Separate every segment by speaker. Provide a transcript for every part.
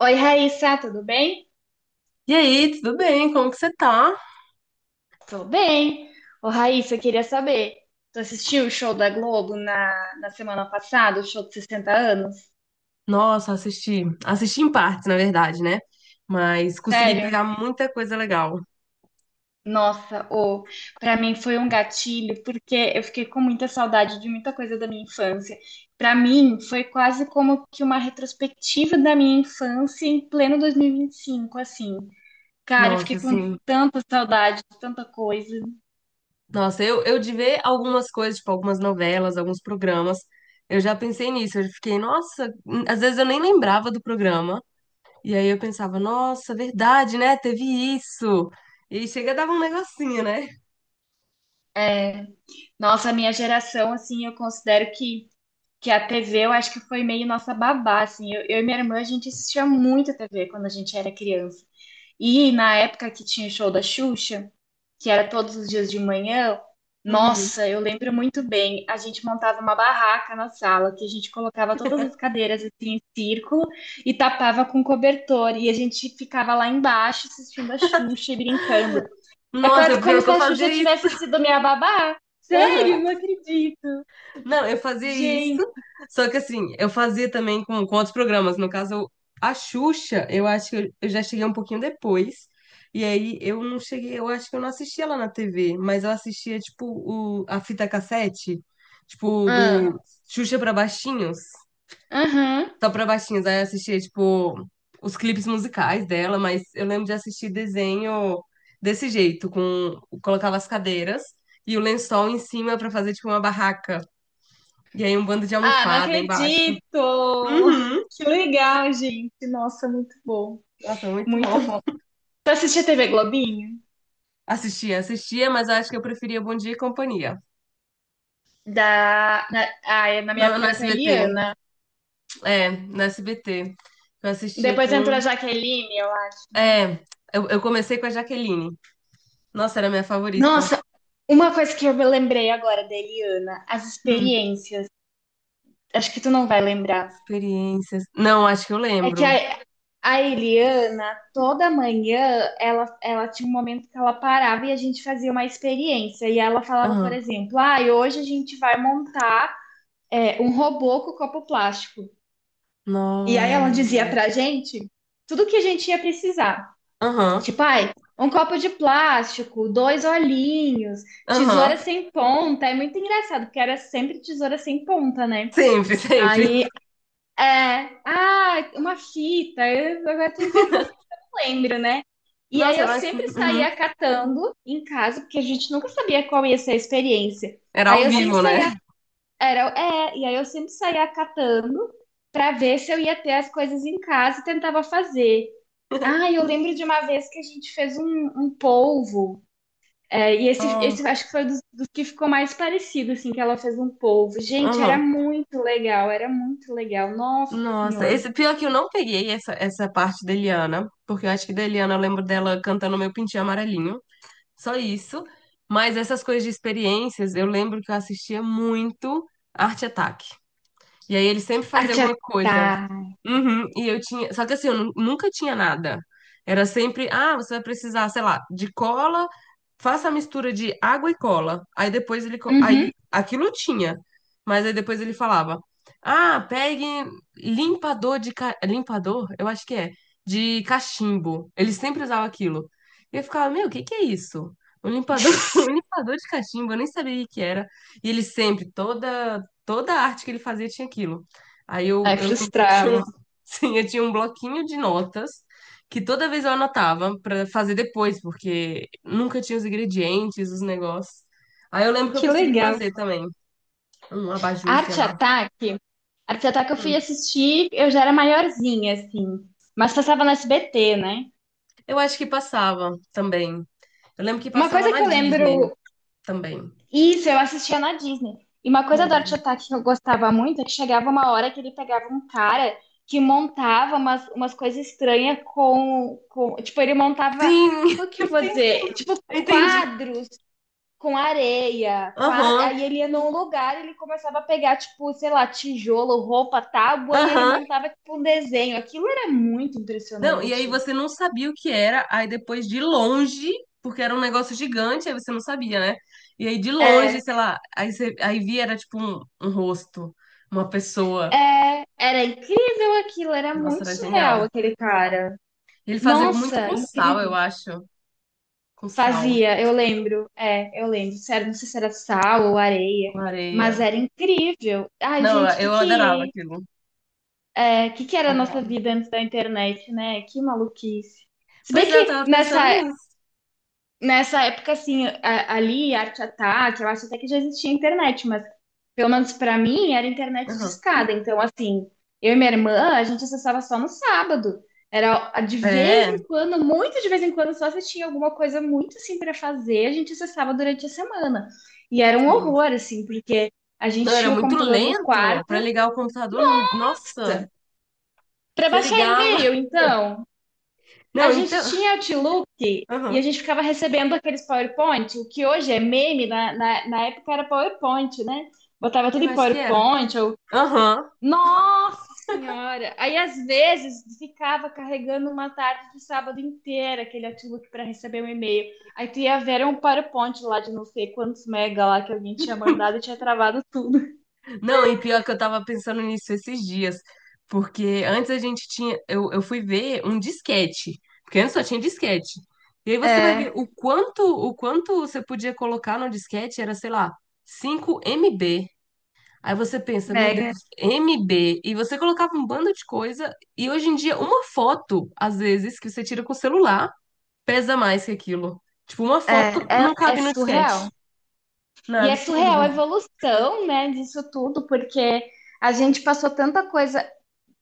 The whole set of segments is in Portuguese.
Speaker 1: Oi, Raíssa, tudo bem?
Speaker 2: E aí, tudo bem? Como que você tá?
Speaker 1: Tô bem. Ô, Raíssa, eu queria saber, tu assistiu o show da Globo na semana passada, o show de 60 anos?
Speaker 2: Nossa, assisti, assisti em partes, na verdade, né? Mas consegui
Speaker 1: Sério?
Speaker 2: pegar muita coisa legal.
Speaker 1: Nossa, ô, pra mim foi um gatilho, porque eu fiquei com muita saudade de muita coisa da minha infância. Pra mim, foi quase como que uma retrospectiva da minha infância em pleno dois mil e vinte e cinco, assim. Cara, eu
Speaker 2: Nossa,
Speaker 1: fiquei com
Speaker 2: assim,
Speaker 1: tanta saudade de tanta coisa.
Speaker 2: nossa, eu de ver algumas coisas, tipo algumas novelas, alguns programas, eu já pensei nisso, eu fiquei, nossa, às vezes eu nem lembrava do programa, e aí eu pensava, nossa, verdade, né? Teve isso. E aí chega e dava um negocinho, né?
Speaker 1: É, nossa, a minha geração, assim, eu considero que a TV eu acho que foi meio nossa babá, assim. Eu e minha irmã, a gente assistia muito a TV quando a gente era criança. E na época que tinha o show da Xuxa, que era todos os dias de manhã,
Speaker 2: Uhum.
Speaker 1: nossa, eu lembro muito bem. A gente montava uma barraca na sala, que a gente colocava todas as cadeiras assim, em círculo e tapava com cobertor. E a gente ficava lá embaixo assistindo a Xuxa e brincando. É quase
Speaker 2: Nossa,
Speaker 1: como
Speaker 2: pior que
Speaker 1: se
Speaker 2: eu
Speaker 1: a Xuxa
Speaker 2: fazia isso.
Speaker 1: tivesse sido minha babá. Sério, não acredito.
Speaker 2: Não, eu fazia isso,
Speaker 1: Gente.
Speaker 2: só que assim, eu fazia também com outros programas. No caso, a Xuxa, eu acho que eu já cheguei um pouquinho depois. E aí eu não cheguei, eu acho que eu não assistia lá na TV, mas eu assistia, tipo, a fita cassete, tipo, do Xuxa pra Baixinhos,
Speaker 1: Aham.
Speaker 2: só pra Baixinhos. Aí eu assistia, tipo, os clipes musicais dela, mas eu lembro de assistir desenho desse jeito, com, colocava as cadeiras e o lençol em cima pra fazer, tipo, uma barraca. E aí um bando de
Speaker 1: Ah, não
Speaker 2: almofada embaixo.
Speaker 1: acredito!
Speaker 2: Uhum.
Speaker 1: Que legal, gente. Nossa, muito bom.
Speaker 2: Nossa, muito bom.
Speaker 1: Muito bom. Tu assistia TV Globinho?
Speaker 2: Assistia, assistia, mas acho que eu preferia Bom Dia e Companhia.
Speaker 1: Da, na, ah, é- Na minha
Speaker 2: No,
Speaker 1: época
Speaker 2: no
Speaker 1: era com a
Speaker 2: SBT.
Speaker 1: Eliana.
Speaker 2: É, no SBT. Eu assistia
Speaker 1: Depois
Speaker 2: com.
Speaker 1: entrou a Jaqueline, eu acho, né?
Speaker 2: É, eu comecei com a Jaqueline. Nossa, era a minha favorita.
Speaker 1: Nossa, uma coisa que eu me lembrei agora da Eliana, as
Speaker 2: Hum,
Speaker 1: experiências. Acho que tu não vai lembrar.
Speaker 2: experiências. Não, acho que eu
Speaker 1: É que
Speaker 2: lembro.
Speaker 1: a Eliana, toda manhã, ela tinha um momento que ela parava e a gente fazia uma experiência. E ela falava, por
Speaker 2: Aham.
Speaker 1: exemplo, ah, hoje a gente vai montar um robô com copo plástico. E aí ela dizia
Speaker 2: Não.
Speaker 1: pra gente tudo que a gente ia precisar.
Speaker 2: Aham.
Speaker 1: Tipo, ai, um copo de plástico, dois olhinhos, tesoura
Speaker 2: Aham.
Speaker 1: sem ponta. É muito engraçado, porque era sempre tesoura sem ponta, né?
Speaker 2: Sempre, sempre.
Speaker 1: Aí, uma fita, eu agora tô inventando lembro, né? E aí
Speaker 2: Nossa,
Speaker 1: eu
Speaker 2: era, assim,
Speaker 1: sempre
Speaker 2: uhum.
Speaker 1: saía catando em casa, porque a gente nunca sabia qual ia ser a experiência.
Speaker 2: Era
Speaker 1: Aí
Speaker 2: ao
Speaker 1: eu sempre
Speaker 2: vivo, né?
Speaker 1: saía, e aí eu sempre saía catando para ver se eu ia ter as coisas em casa e tentava fazer. Ah, eu lembro de uma vez que a gente fez um polvo. E esse eu acho que foi dos que ficou mais parecido, assim, que ela fez um polvo. Gente, era
Speaker 2: Aham.
Speaker 1: muito legal, era muito legal. Nossa
Speaker 2: Nossa,
Speaker 1: Senhora.
Speaker 2: esse pior que eu não peguei essa parte da Eliana, porque eu acho que da Eliana eu lembro dela cantando Meu Pintinho Amarelinho, só isso. Mas essas coisas de experiências, eu lembro que eu assistia muito Arte Ataque. E aí ele sempre
Speaker 1: A
Speaker 2: fazia
Speaker 1: tia
Speaker 2: alguma coisa.
Speaker 1: tá.
Speaker 2: Uhum, e eu tinha. Só que assim, nunca tinha nada. Era sempre, ah, você vai precisar, sei lá, de cola, faça a mistura de água e cola. Aí
Speaker 1: Uhum.
Speaker 2: aquilo tinha. Mas aí depois ele falava, ah, pegue limpador de. Ca- Limpador? Eu acho que é. De cachimbo. Ele sempre usava aquilo. E eu ficava, meu, o que que é isso? Um limpador, um limpador de cachimbo, eu nem sabia o que era. E ele sempre, toda a arte que ele fazia tinha aquilo. Aí eu,
Speaker 1: Ai,
Speaker 2: eu lembro que tinha um.
Speaker 1: frustrava.
Speaker 2: Sim, eu tinha um bloquinho de notas que toda vez eu anotava pra fazer depois, porque nunca tinha os ingredientes, os negócios. Aí eu lembro que eu
Speaker 1: Que
Speaker 2: consegui
Speaker 1: legal.
Speaker 2: fazer também um abajur, sei
Speaker 1: Arte
Speaker 2: lá.
Speaker 1: Ataque, Arte Ataque eu fui
Speaker 2: Hum.
Speaker 1: assistir, eu já era maiorzinha, assim, mas passava no SBT, né?
Speaker 2: Eu acho que passava também. Eu lembro que
Speaker 1: Uma
Speaker 2: passava
Speaker 1: coisa
Speaker 2: na
Speaker 1: que eu
Speaker 2: Disney
Speaker 1: lembro,
Speaker 2: também.
Speaker 1: isso, eu assistia na Disney. E uma
Speaker 2: Na
Speaker 1: coisa do Arte
Speaker 2: Disney.
Speaker 1: Ataque que eu gostava muito é que chegava uma hora que ele pegava um cara que montava umas coisas estranhas com. Tipo, ele montava.
Speaker 2: Sim,
Speaker 1: Como que eu vou
Speaker 2: sim,
Speaker 1: dizer? Tipo,
Speaker 2: entendi.
Speaker 1: quadros com areia,
Speaker 2: Aham,
Speaker 1: aí ele ia num lugar, ele começava a pegar tipo, sei lá, tijolo, roupa, tábua e ele
Speaker 2: aham.
Speaker 1: montava tipo um desenho. Aquilo era muito
Speaker 2: Não, e aí
Speaker 1: impressionante.
Speaker 2: você não sabia o que era, aí depois de longe, porque era um negócio gigante, aí você não sabia, né? E aí de
Speaker 1: É,
Speaker 2: longe, sei lá, aí, você, aí via era tipo um rosto, uma pessoa.
Speaker 1: Era incrível aquilo, era
Speaker 2: Nossa,
Speaker 1: muito
Speaker 2: era
Speaker 1: surreal
Speaker 2: genial.
Speaker 1: aquele cara.
Speaker 2: Ele fazia muito
Speaker 1: Nossa,
Speaker 2: com sal, eu
Speaker 1: incrível.
Speaker 2: acho. Com sal,
Speaker 1: Fazia, eu lembro, eu lembro. Sério, não sei se era sal ou areia,
Speaker 2: com
Speaker 1: mas
Speaker 2: areia.
Speaker 1: era incrível. Ai,
Speaker 2: Não,
Speaker 1: gente, o que
Speaker 2: eu adorava
Speaker 1: que,
Speaker 2: aquilo.
Speaker 1: é, que era a nossa
Speaker 2: Adorava.
Speaker 1: vida antes da internet, né? Que maluquice. Se bem
Speaker 2: Pois é, eu
Speaker 1: que
Speaker 2: tava pensando
Speaker 1: nessa
Speaker 2: nisso.
Speaker 1: Nessa época, assim, ali, Arte Ataque, eu acho até que já existia internet, mas pelo menos pra mim era internet de
Speaker 2: Aham.
Speaker 1: escada. Então, assim, eu e minha irmã, a gente acessava só no sábado. Era de vez
Speaker 2: É,
Speaker 1: em quando, muito de vez em quando, só se tinha alguma coisa muito assim pra fazer, a gente acessava durante a semana. E era um
Speaker 2: sim.
Speaker 1: horror, assim, porque a
Speaker 2: Não,
Speaker 1: gente
Speaker 2: era
Speaker 1: tinha o
Speaker 2: muito
Speaker 1: computador no
Speaker 2: lento
Speaker 1: quarto.
Speaker 2: pra ligar o computador. Nossa,
Speaker 1: Pra
Speaker 2: você
Speaker 1: baixar
Speaker 2: ligava.
Speaker 1: e-mail, então. A
Speaker 2: Não,
Speaker 1: gente
Speaker 2: então.
Speaker 1: tinha Outlook e a
Speaker 2: Aham.
Speaker 1: gente ficava recebendo aqueles PowerPoint, o que hoje é meme, na época era PowerPoint, né? Botava tudo
Speaker 2: Eu
Speaker 1: em
Speaker 2: acho que era.
Speaker 1: PowerPoint, ou...
Speaker 2: Aham.
Speaker 1: Nossa Senhora! Aí, às vezes, ficava carregando uma tarde de sábado inteira aquele Outlook para receber um e-mail. Aí tu ia ver era um PowerPoint lá de não sei quantos mega lá que alguém tinha mandado e tinha travado tudo.
Speaker 2: Não, e pior que eu tava pensando nisso esses dias, porque antes a gente tinha, eu fui ver um disquete, porque antes só tinha disquete. E aí você vai ver
Speaker 1: É,
Speaker 2: o quanto você podia colocar no disquete era, sei lá, 5 MB. Aí você pensa, meu Deus,
Speaker 1: mega.
Speaker 2: MB. E você colocava um bando de coisa, e hoje em dia uma foto, às vezes, que você tira com o celular, pesa mais que aquilo. Tipo, uma
Speaker 1: É,
Speaker 2: foto não
Speaker 1: É
Speaker 2: cabe no
Speaker 1: surreal.
Speaker 2: disquete. Não, é
Speaker 1: E é surreal a
Speaker 2: absurdo.
Speaker 1: evolução, né, disso tudo, porque a gente passou tanta coisa.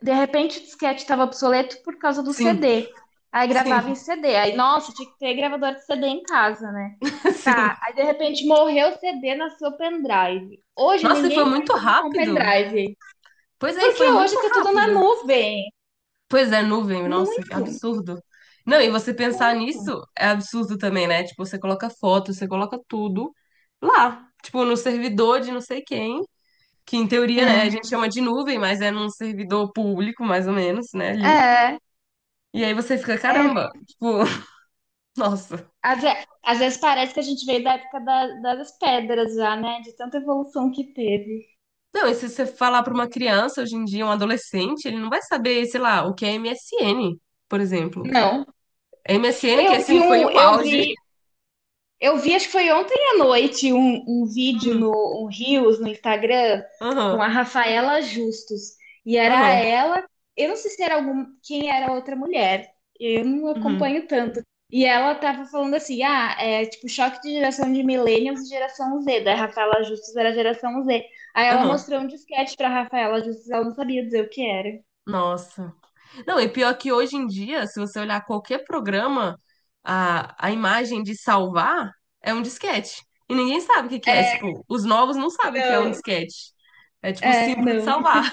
Speaker 1: De repente o disquete estava obsoleto por causa do
Speaker 2: Sim,
Speaker 1: CD. Aí gravava em
Speaker 2: sim,
Speaker 1: CD. Aí, nossa, tinha que ter gravador de CD em casa, né?
Speaker 2: sim.
Speaker 1: Tá, aí de repente morreu o CD, nasceu o pendrive. Hoje
Speaker 2: Nossa, e foi
Speaker 1: ninguém mais
Speaker 2: muito
Speaker 1: anda com
Speaker 2: rápido.
Speaker 1: pendrive.
Speaker 2: Pois é, e
Speaker 1: Porque
Speaker 2: foi muito
Speaker 1: hoje tá tudo na
Speaker 2: rápido.
Speaker 1: nuvem.
Speaker 2: Pois é, nuvem, nossa, que
Speaker 1: Muito.
Speaker 2: absurdo. Não, e você pensar nisso é absurdo também, né? Tipo, você coloca foto, você coloca tudo lá. Tipo, no servidor de não sei quem, que em teoria, né, a
Speaker 1: É,
Speaker 2: gente chama de nuvem, mas é num servidor público, mais ou menos, né, ali.
Speaker 1: é,
Speaker 2: E aí você fica,
Speaker 1: é.
Speaker 2: caramba, tipo, nossa.
Speaker 1: Às vezes parece que a gente veio da época das pedras já, né? De tanta evolução que teve.
Speaker 2: Não, e se você falar pra uma criança hoje em dia, um adolescente, ele não vai saber, sei lá, o que é MSN, por exemplo.
Speaker 1: Não,
Speaker 2: MSN que,
Speaker 1: Eu vi
Speaker 2: assim, foi
Speaker 1: um,
Speaker 2: o auge.
Speaker 1: eu vi, acho que foi ontem à noite, um vídeo no um Reels, no Instagram, com
Speaker 2: Aham,
Speaker 1: a Rafaela Justus. E era
Speaker 2: aham,
Speaker 1: ela, eu não sei se era algum, quem era a outra mulher, eu não
Speaker 2: uhum,
Speaker 1: acompanho tanto. E ela tava falando assim, ah, é tipo choque de geração de millennials e geração Z, da Rafaela Justus era a geração Z. Aí ela
Speaker 2: aham.
Speaker 1: mostrou um disquete pra Rafaela Justus, ela não sabia dizer o que era.
Speaker 2: Nossa. Não, e pior que hoje em dia, se você olhar qualquer programa, a imagem de salvar é um disquete. E ninguém sabe o que que é. Tipo, os novos não sabem o que é um
Speaker 1: Não.
Speaker 2: disquete. É tipo
Speaker 1: É,
Speaker 2: simples de
Speaker 1: não.
Speaker 2: salvar.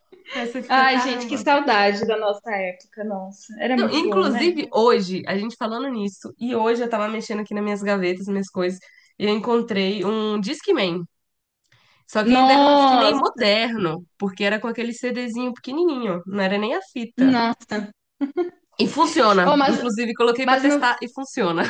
Speaker 2: Aí você fica,
Speaker 1: Ai, gente, que
Speaker 2: caramba.
Speaker 1: saudade da nossa época, nossa. Era
Speaker 2: Não,
Speaker 1: muito bom, né?
Speaker 2: inclusive, hoje, a gente falando nisso, e hoje eu tava mexendo aqui nas minhas gavetas, minhas coisas, e eu encontrei um Discman. Só que ainda era um Discman
Speaker 1: Nossa,
Speaker 2: moderno, porque era com aquele CDzinho pequenininho, não era nem a fita.
Speaker 1: nossa.
Speaker 2: E funciona.
Speaker 1: Oh,
Speaker 2: Inclusive, coloquei pra
Speaker 1: mas, no,
Speaker 2: testar e funciona.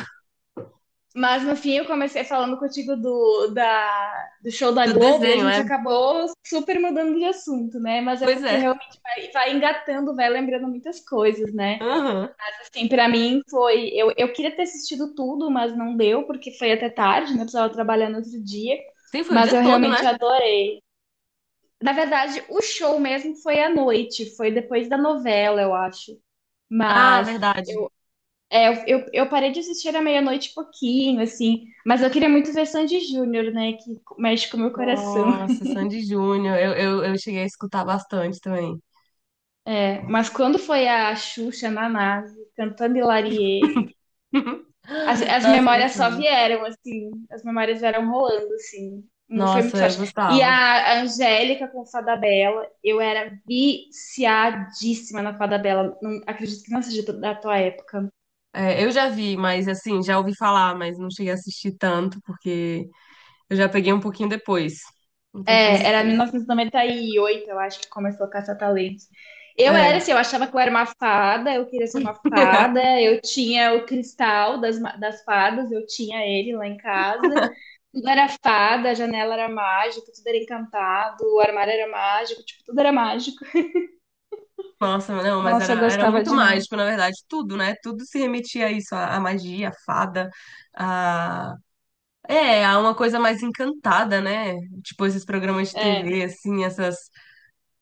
Speaker 1: mas no fim eu comecei falando contigo do show da
Speaker 2: Do
Speaker 1: Globo e a
Speaker 2: desenho,
Speaker 1: gente
Speaker 2: é?
Speaker 1: acabou super mudando de assunto, né? Mas é
Speaker 2: Pois
Speaker 1: porque
Speaker 2: é.
Speaker 1: realmente vai, engatando, vai lembrando muitas coisas, né?
Speaker 2: Aham.
Speaker 1: Assim, pra mim foi. Eu queria ter assistido tudo, mas não deu, porque foi até tarde, né? Eu precisava trabalhar no outro dia.
Speaker 2: Sim, foi o
Speaker 1: Mas
Speaker 2: dia
Speaker 1: eu
Speaker 2: todo,
Speaker 1: realmente
Speaker 2: né?
Speaker 1: adorei. Na verdade, o show mesmo foi à noite, foi depois da novela, eu acho.
Speaker 2: Ah,
Speaker 1: Mas
Speaker 2: verdade.
Speaker 1: eu parei de assistir à meia-noite e pouquinho, assim. Mas eu queria muito ver Sandy Júnior, né? Que mexe com o meu coração.
Speaker 2: Nossa, Sandy Júnior. Eu cheguei a escutar bastante também.
Speaker 1: É, mas quando foi a Xuxa na nave, cantando Hilarie, as
Speaker 2: Nossa, eu
Speaker 1: memórias só
Speaker 2: gostava.
Speaker 1: vieram, assim. As memórias vieram rolando, assim. Foi muito
Speaker 2: Nossa, eu
Speaker 1: forte. E
Speaker 2: gostava.
Speaker 1: a Angélica com Fada Bela, eu era viciadíssima na Fada Bela. Não acredito que não seja da tua época.
Speaker 2: É, eu já vi, mas assim, já ouvi falar, mas não cheguei a assistir tanto, porque eu já peguei um pouquinho depois. Um pouquinho
Speaker 1: É, era
Speaker 2: depois.
Speaker 1: 1998, eu acho que começou a Caça-Talentos. Eu
Speaker 2: É.
Speaker 1: era assim, eu achava que eu era uma fada, eu queria ser uma fada, eu tinha o cristal das fadas, eu tinha ele lá em casa. Tudo era fada, a janela era mágica, tudo era encantado, o armário era mágico, tipo, tudo era mágico.
Speaker 2: Nossa, não, mas
Speaker 1: Nossa, eu
Speaker 2: era, era
Speaker 1: gostava
Speaker 2: muito
Speaker 1: demais.
Speaker 2: mágico, na verdade, tudo, né? Tudo se remetia a isso, a magia, a fada, a... É, a uma coisa mais encantada, né? Tipo, esses programas de
Speaker 1: É,
Speaker 2: TV, assim,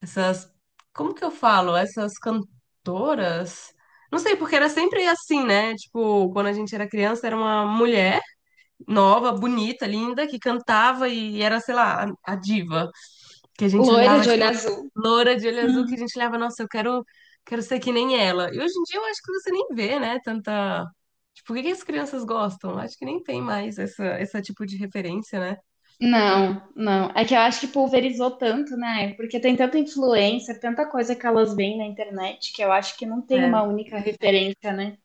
Speaker 2: essas... Como que eu falo? Essas cantoras? Não sei, porque era sempre assim, né? Tipo, quando a gente era criança, era uma mulher nova, bonita, linda, que cantava e era, sei lá, a diva. Que a gente
Speaker 1: loira
Speaker 2: olhava,
Speaker 1: de olho
Speaker 2: tipo,
Speaker 1: azul.
Speaker 2: loura de olho azul, que a gente olhava, nossa, eu quero, quero ser que nem ela. E hoje em dia eu acho que você nem vê, né? Tanta. Tipo, o que que as crianças gostam? Acho que nem tem mais esse tipo de referência, né?
Speaker 1: Não, não. É que eu acho que pulverizou tanto, né? Porque tem tanta influência, tanta coisa que elas veem na internet, que eu acho que não tem uma
Speaker 2: É,
Speaker 1: única referência, né?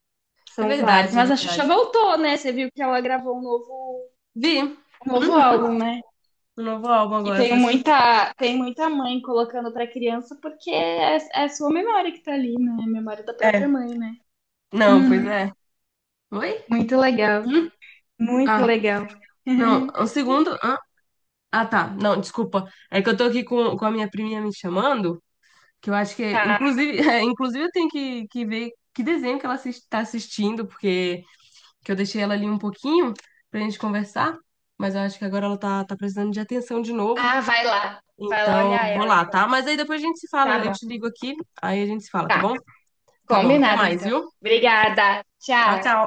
Speaker 2: é
Speaker 1: São vários.
Speaker 2: verdade, é
Speaker 1: Mas a Xuxa
Speaker 2: verdade.
Speaker 1: voltou, né? Você viu que ela gravou um novo,
Speaker 2: Vi,
Speaker 1: um novo
Speaker 2: uhum,
Speaker 1: álbum, né?
Speaker 2: o novo álbum
Speaker 1: E
Speaker 2: agora
Speaker 1: tem
Speaker 2: para crianças.
Speaker 1: muita, tem muita mãe colocando pra criança, porque é a sua memória que tá ali, né? É a memória da própria
Speaker 2: É,
Speaker 1: mãe, né?
Speaker 2: não, pois
Speaker 1: Uhum.
Speaker 2: é. Oi?
Speaker 1: Muito legal,
Speaker 2: Hum?
Speaker 1: muito
Speaker 2: Ah,
Speaker 1: legal.
Speaker 2: não, um segundo. Ah, ah, tá, não, desculpa. É que eu tô aqui com a minha priminha me chamando. Que eu acho que,
Speaker 1: Tá.
Speaker 2: inclusive, é, inclusive eu tenho que ver que desenho que ela está assistindo, porque que eu deixei ela ali um pouquinho pra gente conversar, mas eu acho que agora ela tá, tá precisando de atenção de novo.
Speaker 1: Ah, vai lá. Vai lá
Speaker 2: Então,
Speaker 1: olhar
Speaker 2: vou
Speaker 1: ela,
Speaker 2: lá,
Speaker 1: então.
Speaker 2: tá? Mas aí depois a gente se fala,
Speaker 1: Tá
Speaker 2: eu
Speaker 1: bom.
Speaker 2: te ligo aqui, aí a gente se fala, tá
Speaker 1: Tá.
Speaker 2: bom? Tá bom, até
Speaker 1: Combinado,
Speaker 2: mais,
Speaker 1: então.
Speaker 2: viu?
Speaker 1: Obrigada.
Speaker 2: Tchau,
Speaker 1: Tchau.
Speaker 2: tchau.